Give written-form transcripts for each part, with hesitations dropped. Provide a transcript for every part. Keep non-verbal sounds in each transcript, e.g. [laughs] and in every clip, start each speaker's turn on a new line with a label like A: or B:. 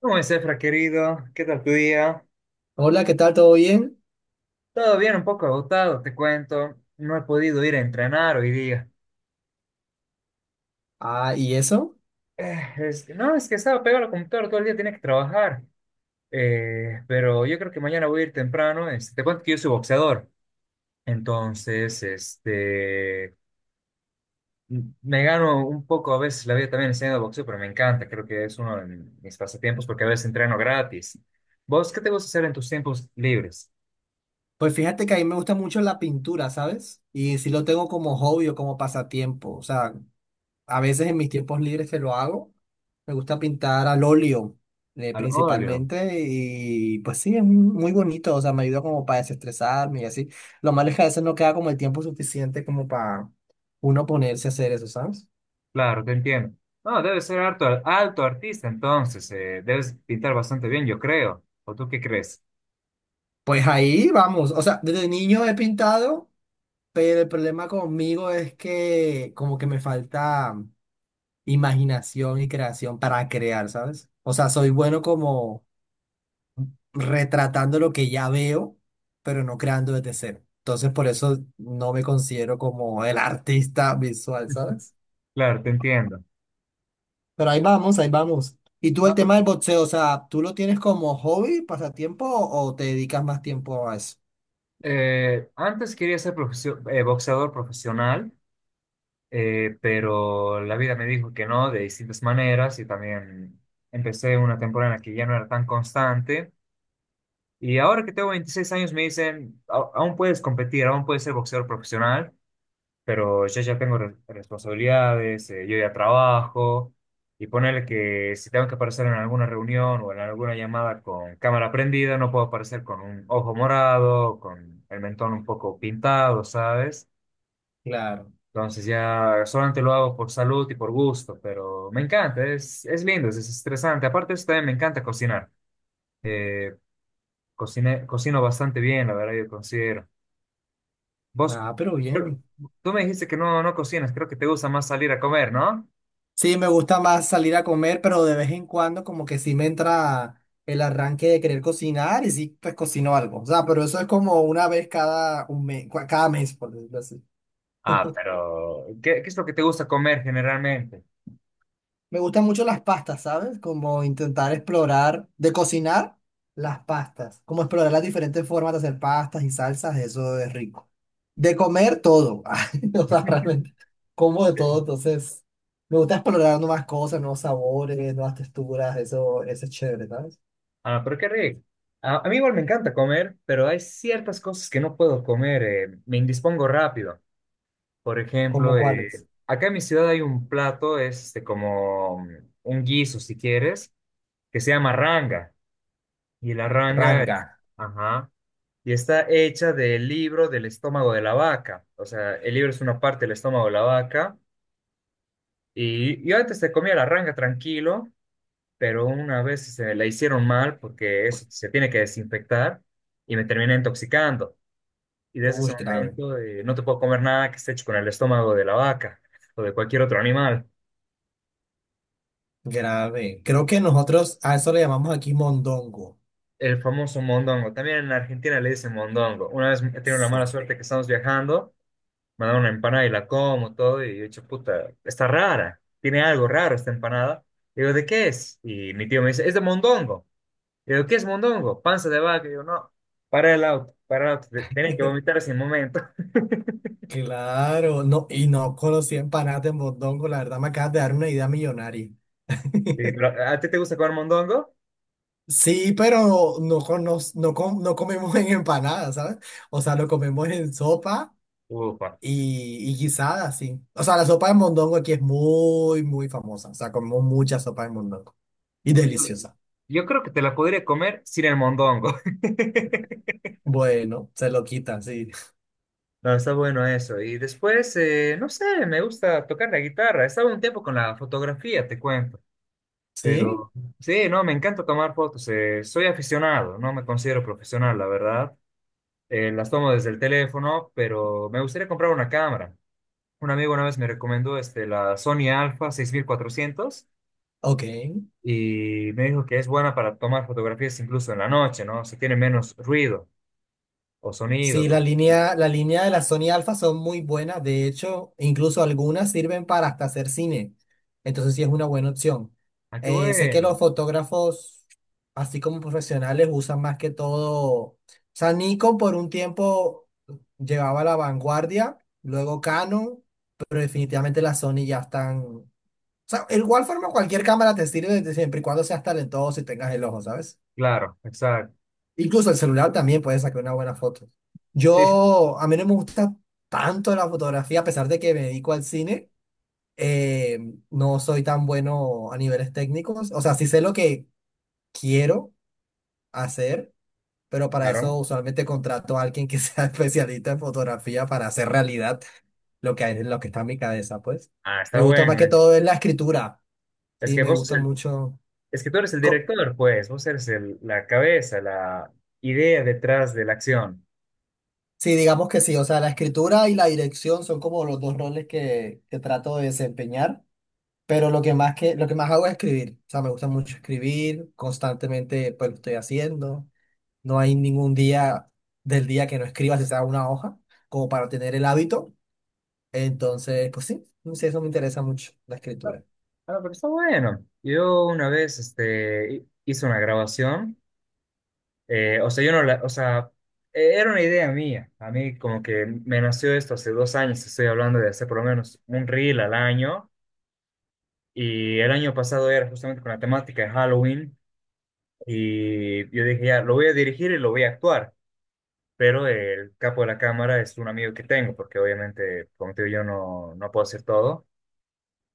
A: ¿Cómo es, Efra, querido? ¿Qué tal tu día?
B: Hola, ¿qué tal? ¿Todo bien?
A: Todo bien, un poco agotado, te cuento. No he podido ir a entrenar hoy día.
B: Ah, ¿y eso?
A: No, es que estaba pegado al computador todo el día, tenía que trabajar. Pero yo creo que mañana voy a ir temprano. Este, te cuento que yo soy boxeador. Entonces, este, me gano un poco a veces la vida también enseñando boxeo, pero me encanta. Creo que es uno de mis pasatiempos porque a veces entreno gratis. ¿Vos qué te gusta hacer en tus tiempos libres?
B: Pues fíjate que a mí me gusta mucho la pintura, ¿sabes? Y sí lo tengo como hobby o como pasatiempo. O sea, a veces en mis tiempos libres que lo hago, me gusta pintar al óleo,
A: Al óleo.
B: principalmente. Y pues sí, es muy bonito. O sea, me ayuda como para desestresarme y así. Lo malo es que a veces no queda como el tiempo suficiente como para uno ponerse a hacer eso, ¿sabes?
A: Claro, te entiendo. No, debe ser alto, alto artista, entonces, debes pintar bastante bien, yo creo. ¿O tú qué crees?
B: Pues ahí vamos. O sea, desde niño he pintado. Pero el problema conmigo es que como que me falta imaginación y creación para crear, ¿sabes? O sea, soy bueno como retratando lo que ya veo, pero no creando desde cero. Entonces, por eso no me considero como el [laughs] artista visual, ¿sabes?
A: Claro, te entiendo.
B: Pero ahí vamos, ahí vamos. ¿Y tú
A: Ah,
B: el
A: pero,
B: tema del boxeo, o sea, tú lo tienes como hobby, pasatiempo o te dedicas más tiempo a eso?
A: antes quería ser boxeador profesional, pero la vida me dijo que no, de distintas maneras, y también empecé una temporada en la que ya no era tan constante. Y ahora que tengo 26 años me dicen, Aún puedes competir, aún puedes ser boxeador profesional. Pero yo ya tengo responsabilidades, yo ya trabajo, y ponerle que si tengo que aparecer en alguna reunión o en alguna llamada con cámara prendida, no puedo aparecer con un ojo morado, con el mentón un poco pintado, ¿sabes?"
B: Claro.
A: Entonces ya solamente lo hago por salud y por gusto, pero me encanta, es lindo, es estresante. Aparte de eso, también me encanta cocinar. Eh, Cocino bastante bien, la verdad, yo considero. Vos,
B: Ah, pero
A: creo-
B: bien.
A: Tú me dijiste que no, no cocinas, creo que te gusta más salir a comer, ¿no?
B: Sí, me gusta más salir a comer, pero de vez en cuando como que sí me entra el arranque de querer cocinar y sí, pues cocino algo. O sea, pero eso es como una vez cada un mes, cada mes, por decirlo así.
A: Ah, pero ¿qué, qué es lo que te gusta comer generalmente?
B: Me gustan mucho las pastas, ¿sabes? Como intentar explorar, de cocinar las pastas, como explorar las diferentes formas de hacer pastas y salsas, eso es rico. De comer todo, [laughs] o sea, realmente como de todo, entonces me gusta explorar nuevas cosas, nuevos sabores, nuevas texturas, eso es chévere, ¿sabes?
A: Ah, pero qué rico. A mí igual me encanta comer, pero hay ciertas cosas que no puedo comer, me indispongo rápido. Por
B: ¿Cómo
A: ejemplo,
B: cuáles?
A: acá en mi ciudad hay un plato, es este, como un guiso, si quieres, que se llama ranga. Y la ranga,
B: Ranga.
A: es- ajá, y está hecha del libro del estómago de la vaca. O sea, el libro es una parte del estómago de la vaca. Y yo antes te comía la ranga tranquilo. Pero una vez se la hicieron mal porque eso se tiene que desinfectar y me terminé intoxicando. Y desde ese
B: Uy, grave,
A: momento no te puedo comer nada que esté hecho con el estómago de la vaca o de cualquier otro animal.
B: grave. Creo que nosotros a eso le llamamos aquí mondongo.
A: El famoso mondongo. También en Argentina le dicen mondongo. Una vez he tenido la mala
B: Sí.
A: suerte que estamos viajando, me dan una empanada y la como todo y yo he dicho, puta, está rara, tiene algo raro esta empanada. Digo, ¿de qué es? Y mi tío me dice, es de mondongo. Y yo, ¿qué es mondongo? Panza de vaca. Y yo, no, para el auto, tenés que vomitar ese momento. [laughs]
B: Claro, no, y no conocí empanadas de mondongo, la verdad me acabas de dar una idea millonaria.
A: Y,
B: [laughs]
A: pero, ¿a ti te gusta comer mondongo?
B: Sí, pero no, no, no comemos en empanadas, ¿sabes? O sea, lo comemos en sopa
A: Ufa.
B: y guisada, sí. O sea, la sopa de mondongo aquí es muy, muy famosa. O sea, comemos mucha sopa de mondongo. Y
A: Yo,
B: deliciosa.
A: yo creo que te la podría comer sin el mondongo. [laughs]
B: Bueno, se lo quitan, sí.
A: No, está bueno eso. Y después, no sé, me gusta tocar la guitarra. Estaba un tiempo con la fotografía, te cuento.
B: ¿Sí?
A: Pero sí, no, me encanta tomar fotos. Soy aficionado, no me considero profesional, la verdad. Las tomo desde el teléfono, pero me gustaría comprar una cámara. Un amigo una vez me recomendó este, la Sony Alpha 6400
B: Ok.
A: y me dijo que es buena para tomar fotografías incluso en la noche, ¿no? O sea, tiene menos ruido o sonido.
B: Sí,
A: co-
B: la línea de la Sony Alpha son muy buenas. De hecho, incluso algunas sirven para hasta hacer cine. Entonces sí es una buena opción.
A: Ah, qué
B: Sé que
A: bueno.
B: los fotógrafos, así como profesionales, usan más que todo. O sea, Nikon por un tiempo llevaba la vanguardia, luego Canon, pero definitivamente las Sony ya están. O sea, de igual forma cualquier cámara te sirve desde siempre y cuando seas talentoso y tengas el ojo, ¿sabes?
A: Claro, exacto.
B: Incluso el celular también puede sacar una buena foto.
A: Sí, sí,
B: Yo, a mí no me gusta tanto la fotografía, a pesar de que me dedico al cine, eh, no soy tan bueno a niveles técnicos. O sea, sí sé lo que quiero hacer, pero para
A: claro.
B: eso
A: ¿No?
B: usualmente contrato a alguien que sea [laughs] especialista en fotografía para hacer realidad lo que hay, lo que está en mi cabeza, pues.
A: Ah,
B: Me
A: está
B: gusta más
A: bueno.
B: que todo es la escritura.
A: Es
B: Sí,
A: que
B: me
A: vos,
B: gusta
A: sos el-
B: mucho.
A: es que tú eres el director, pues. La cabeza, la idea detrás de la acción.
B: Sí, digamos que sí, o sea, la escritura y la dirección son como los dos roles que trato de desempeñar, pero lo que más hago es escribir, o sea, me gusta mucho escribir, constantemente pues lo estoy haciendo, no hay ningún día del día que no escriba, si sea una hoja, como para tener el hábito, entonces, pues sí, no sé, eso me interesa mucho, la
A: Ah,
B: escritura.
A: ah, pero está bueno. Yo una vez este, hice una grabación. O sea, yo no la, o sea, Era una idea mía. A mí como que me nació esto hace dos años, estoy hablando de hacer por lo menos un reel al año. Y el año pasado era justamente con la temática de Halloween. Y yo dije, ya, lo voy a dirigir y lo voy a actuar. Pero el capo de la cámara es un amigo que tengo, porque obviamente, como te digo, yo no, no puedo hacer todo.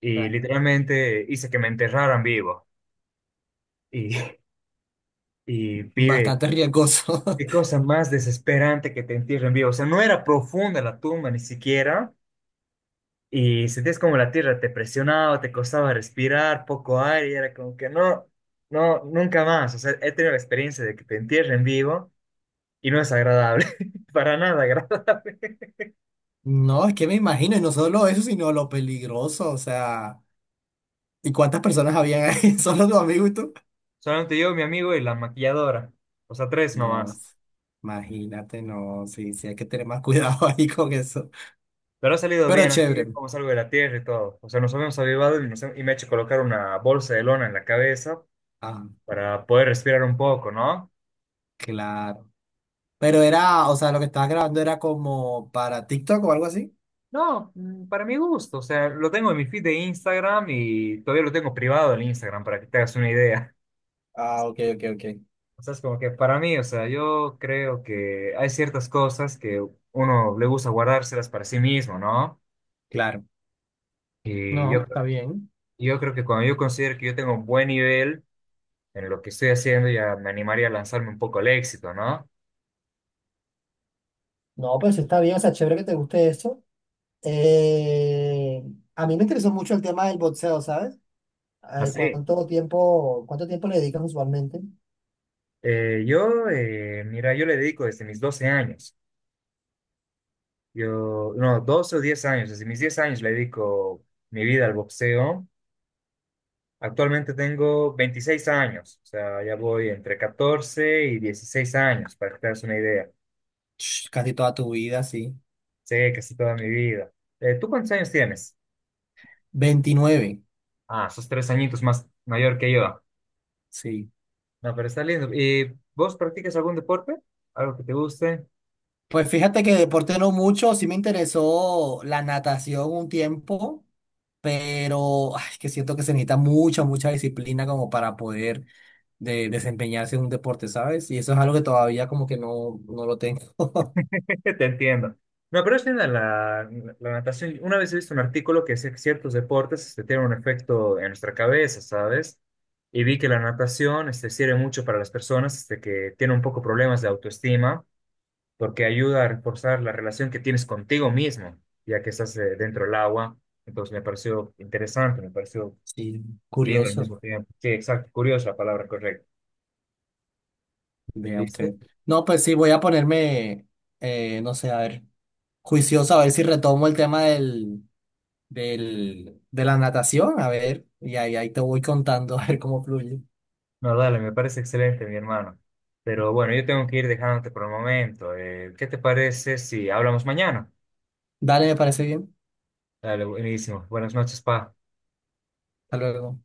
A: Y
B: Claro.
A: literalmente hice que me enterraran vivo. Y, [laughs] y pibe,
B: Bastante riesgoso.
A: qué
B: [laughs]
A: cosa más desesperante que te entierren vivo. O sea, no era profunda la tumba ni siquiera. Y sentías como la tierra te presionaba, te costaba respirar, poco aire. Y era como que no, no, nunca más. O sea, he tenido la experiencia de que te entierren vivo y no es agradable. [laughs] Para nada agradable.
B: No, es que me imagino, y no solo eso, sino lo peligroso, o sea, ¿y cuántas personas habían ahí? [laughs] ¿Solo tu amigo y tú?
A: Solamente yo, mi amigo y la maquilladora. O sea, tres
B: No,
A: nomás.
B: imagínate, no, sí, sí, hay que tener más cuidado [laughs] ahí con eso.
A: Pero ha salido
B: Pero
A: bien, así
B: chévere.
A: bien como salgo de la tierra y todo. O sea, nos habíamos avivado y, y me he hecho colocar una bolsa de lona en la cabeza
B: Ah,
A: para poder respirar un poco, ¿no?
B: claro. Pero era, o sea, lo que estabas grabando era como para TikTok o algo así.
A: No, para mi gusto, o sea, lo tengo en mi feed de Instagram y todavía lo tengo privado en Instagram para que te hagas una idea. [laughs]
B: Ah, ok, ok, ok.
A: O sea, es como que para mí, o sea, yo creo que hay ciertas cosas que uno le gusta guardárselas para sí mismo, ¿no?
B: Claro.
A: Y
B: No,
A: yo,
B: pues está bien.
A: yo creo que cuando yo considero que yo tengo un buen nivel en lo que estoy haciendo, ya me animaría a lanzarme un poco al éxito, ¿no?
B: No, pues está bien, o sea, chévere que te guste eso. Eh, a mí me interesó mucho el tema del boxeo, ¿sabes?
A: Así.
B: ¿Cuánto tiempo le dedicas usualmente?
A: Mira, yo le dedico desde mis 12 años. Yo, no, 12 o 10 años, desde mis 10 años le dedico mi vida al boxeo. Actualmente tengo 26 años, o sea, ya voy entre 14 y 16 años, para que te hagas una idea.
B: Ch, casi toda tu vida, sí.
A: Sé casi toda mi vida. ¿Tú cuántos años tienes?
B: 29.
A: Ah, sos tres añitos más mayor que yo.
B: Sí.
A: No, pero está lindo. ¿Y vos practicas algún deporte? ¿Algo que te guste?
B: Pues fíjate que deporte no mucho, sí me interesó la natación un tiempo, pero ay, que siento que se necesita mucha, mucha disciplina como para poder desempeñarse en un deporte, ¿sabes? Y eso es algo que todavía como que no, no lo tengo.
A: Que te entiendo. No, pero es linda la, la, la natación. Una vez he visto un artículo que decía que ciertos deportes este, tienen un efecto en nuestra cabeza, ¿sabes? Y vi que la natación este, sirve mucho para las personas este, que tienen un poco problemas de autoestima, porque ayuda a reforzar la relación que tienes contigo mismo, ya que estás dentro del agua. Entonces me pareció interesante, me pareció
B: Sí,
A: lindo al
B: curioso,
A: mismo tiempo. Sí, exacto, curiosa la palabra correcta.
B: vea usted.
A: ¿Viste?
B: No, pues sí, voy a ponerme, no sé, a ver, juicioso, a ver si retomo el tema de la natación, a ver, y ahí, ahí te voy contando, [laughs] a ver cómo fluye.
A: No, dale, me parece excelente, mi hermano. Pero bueno, yo tengo que ir dejándote por el momento. ¿Qué te parece si hablamos mañana?
B: Dale, me parece bien.
A: Dale, buenísimo. Buenas noches, pa.
B: Hasta luego.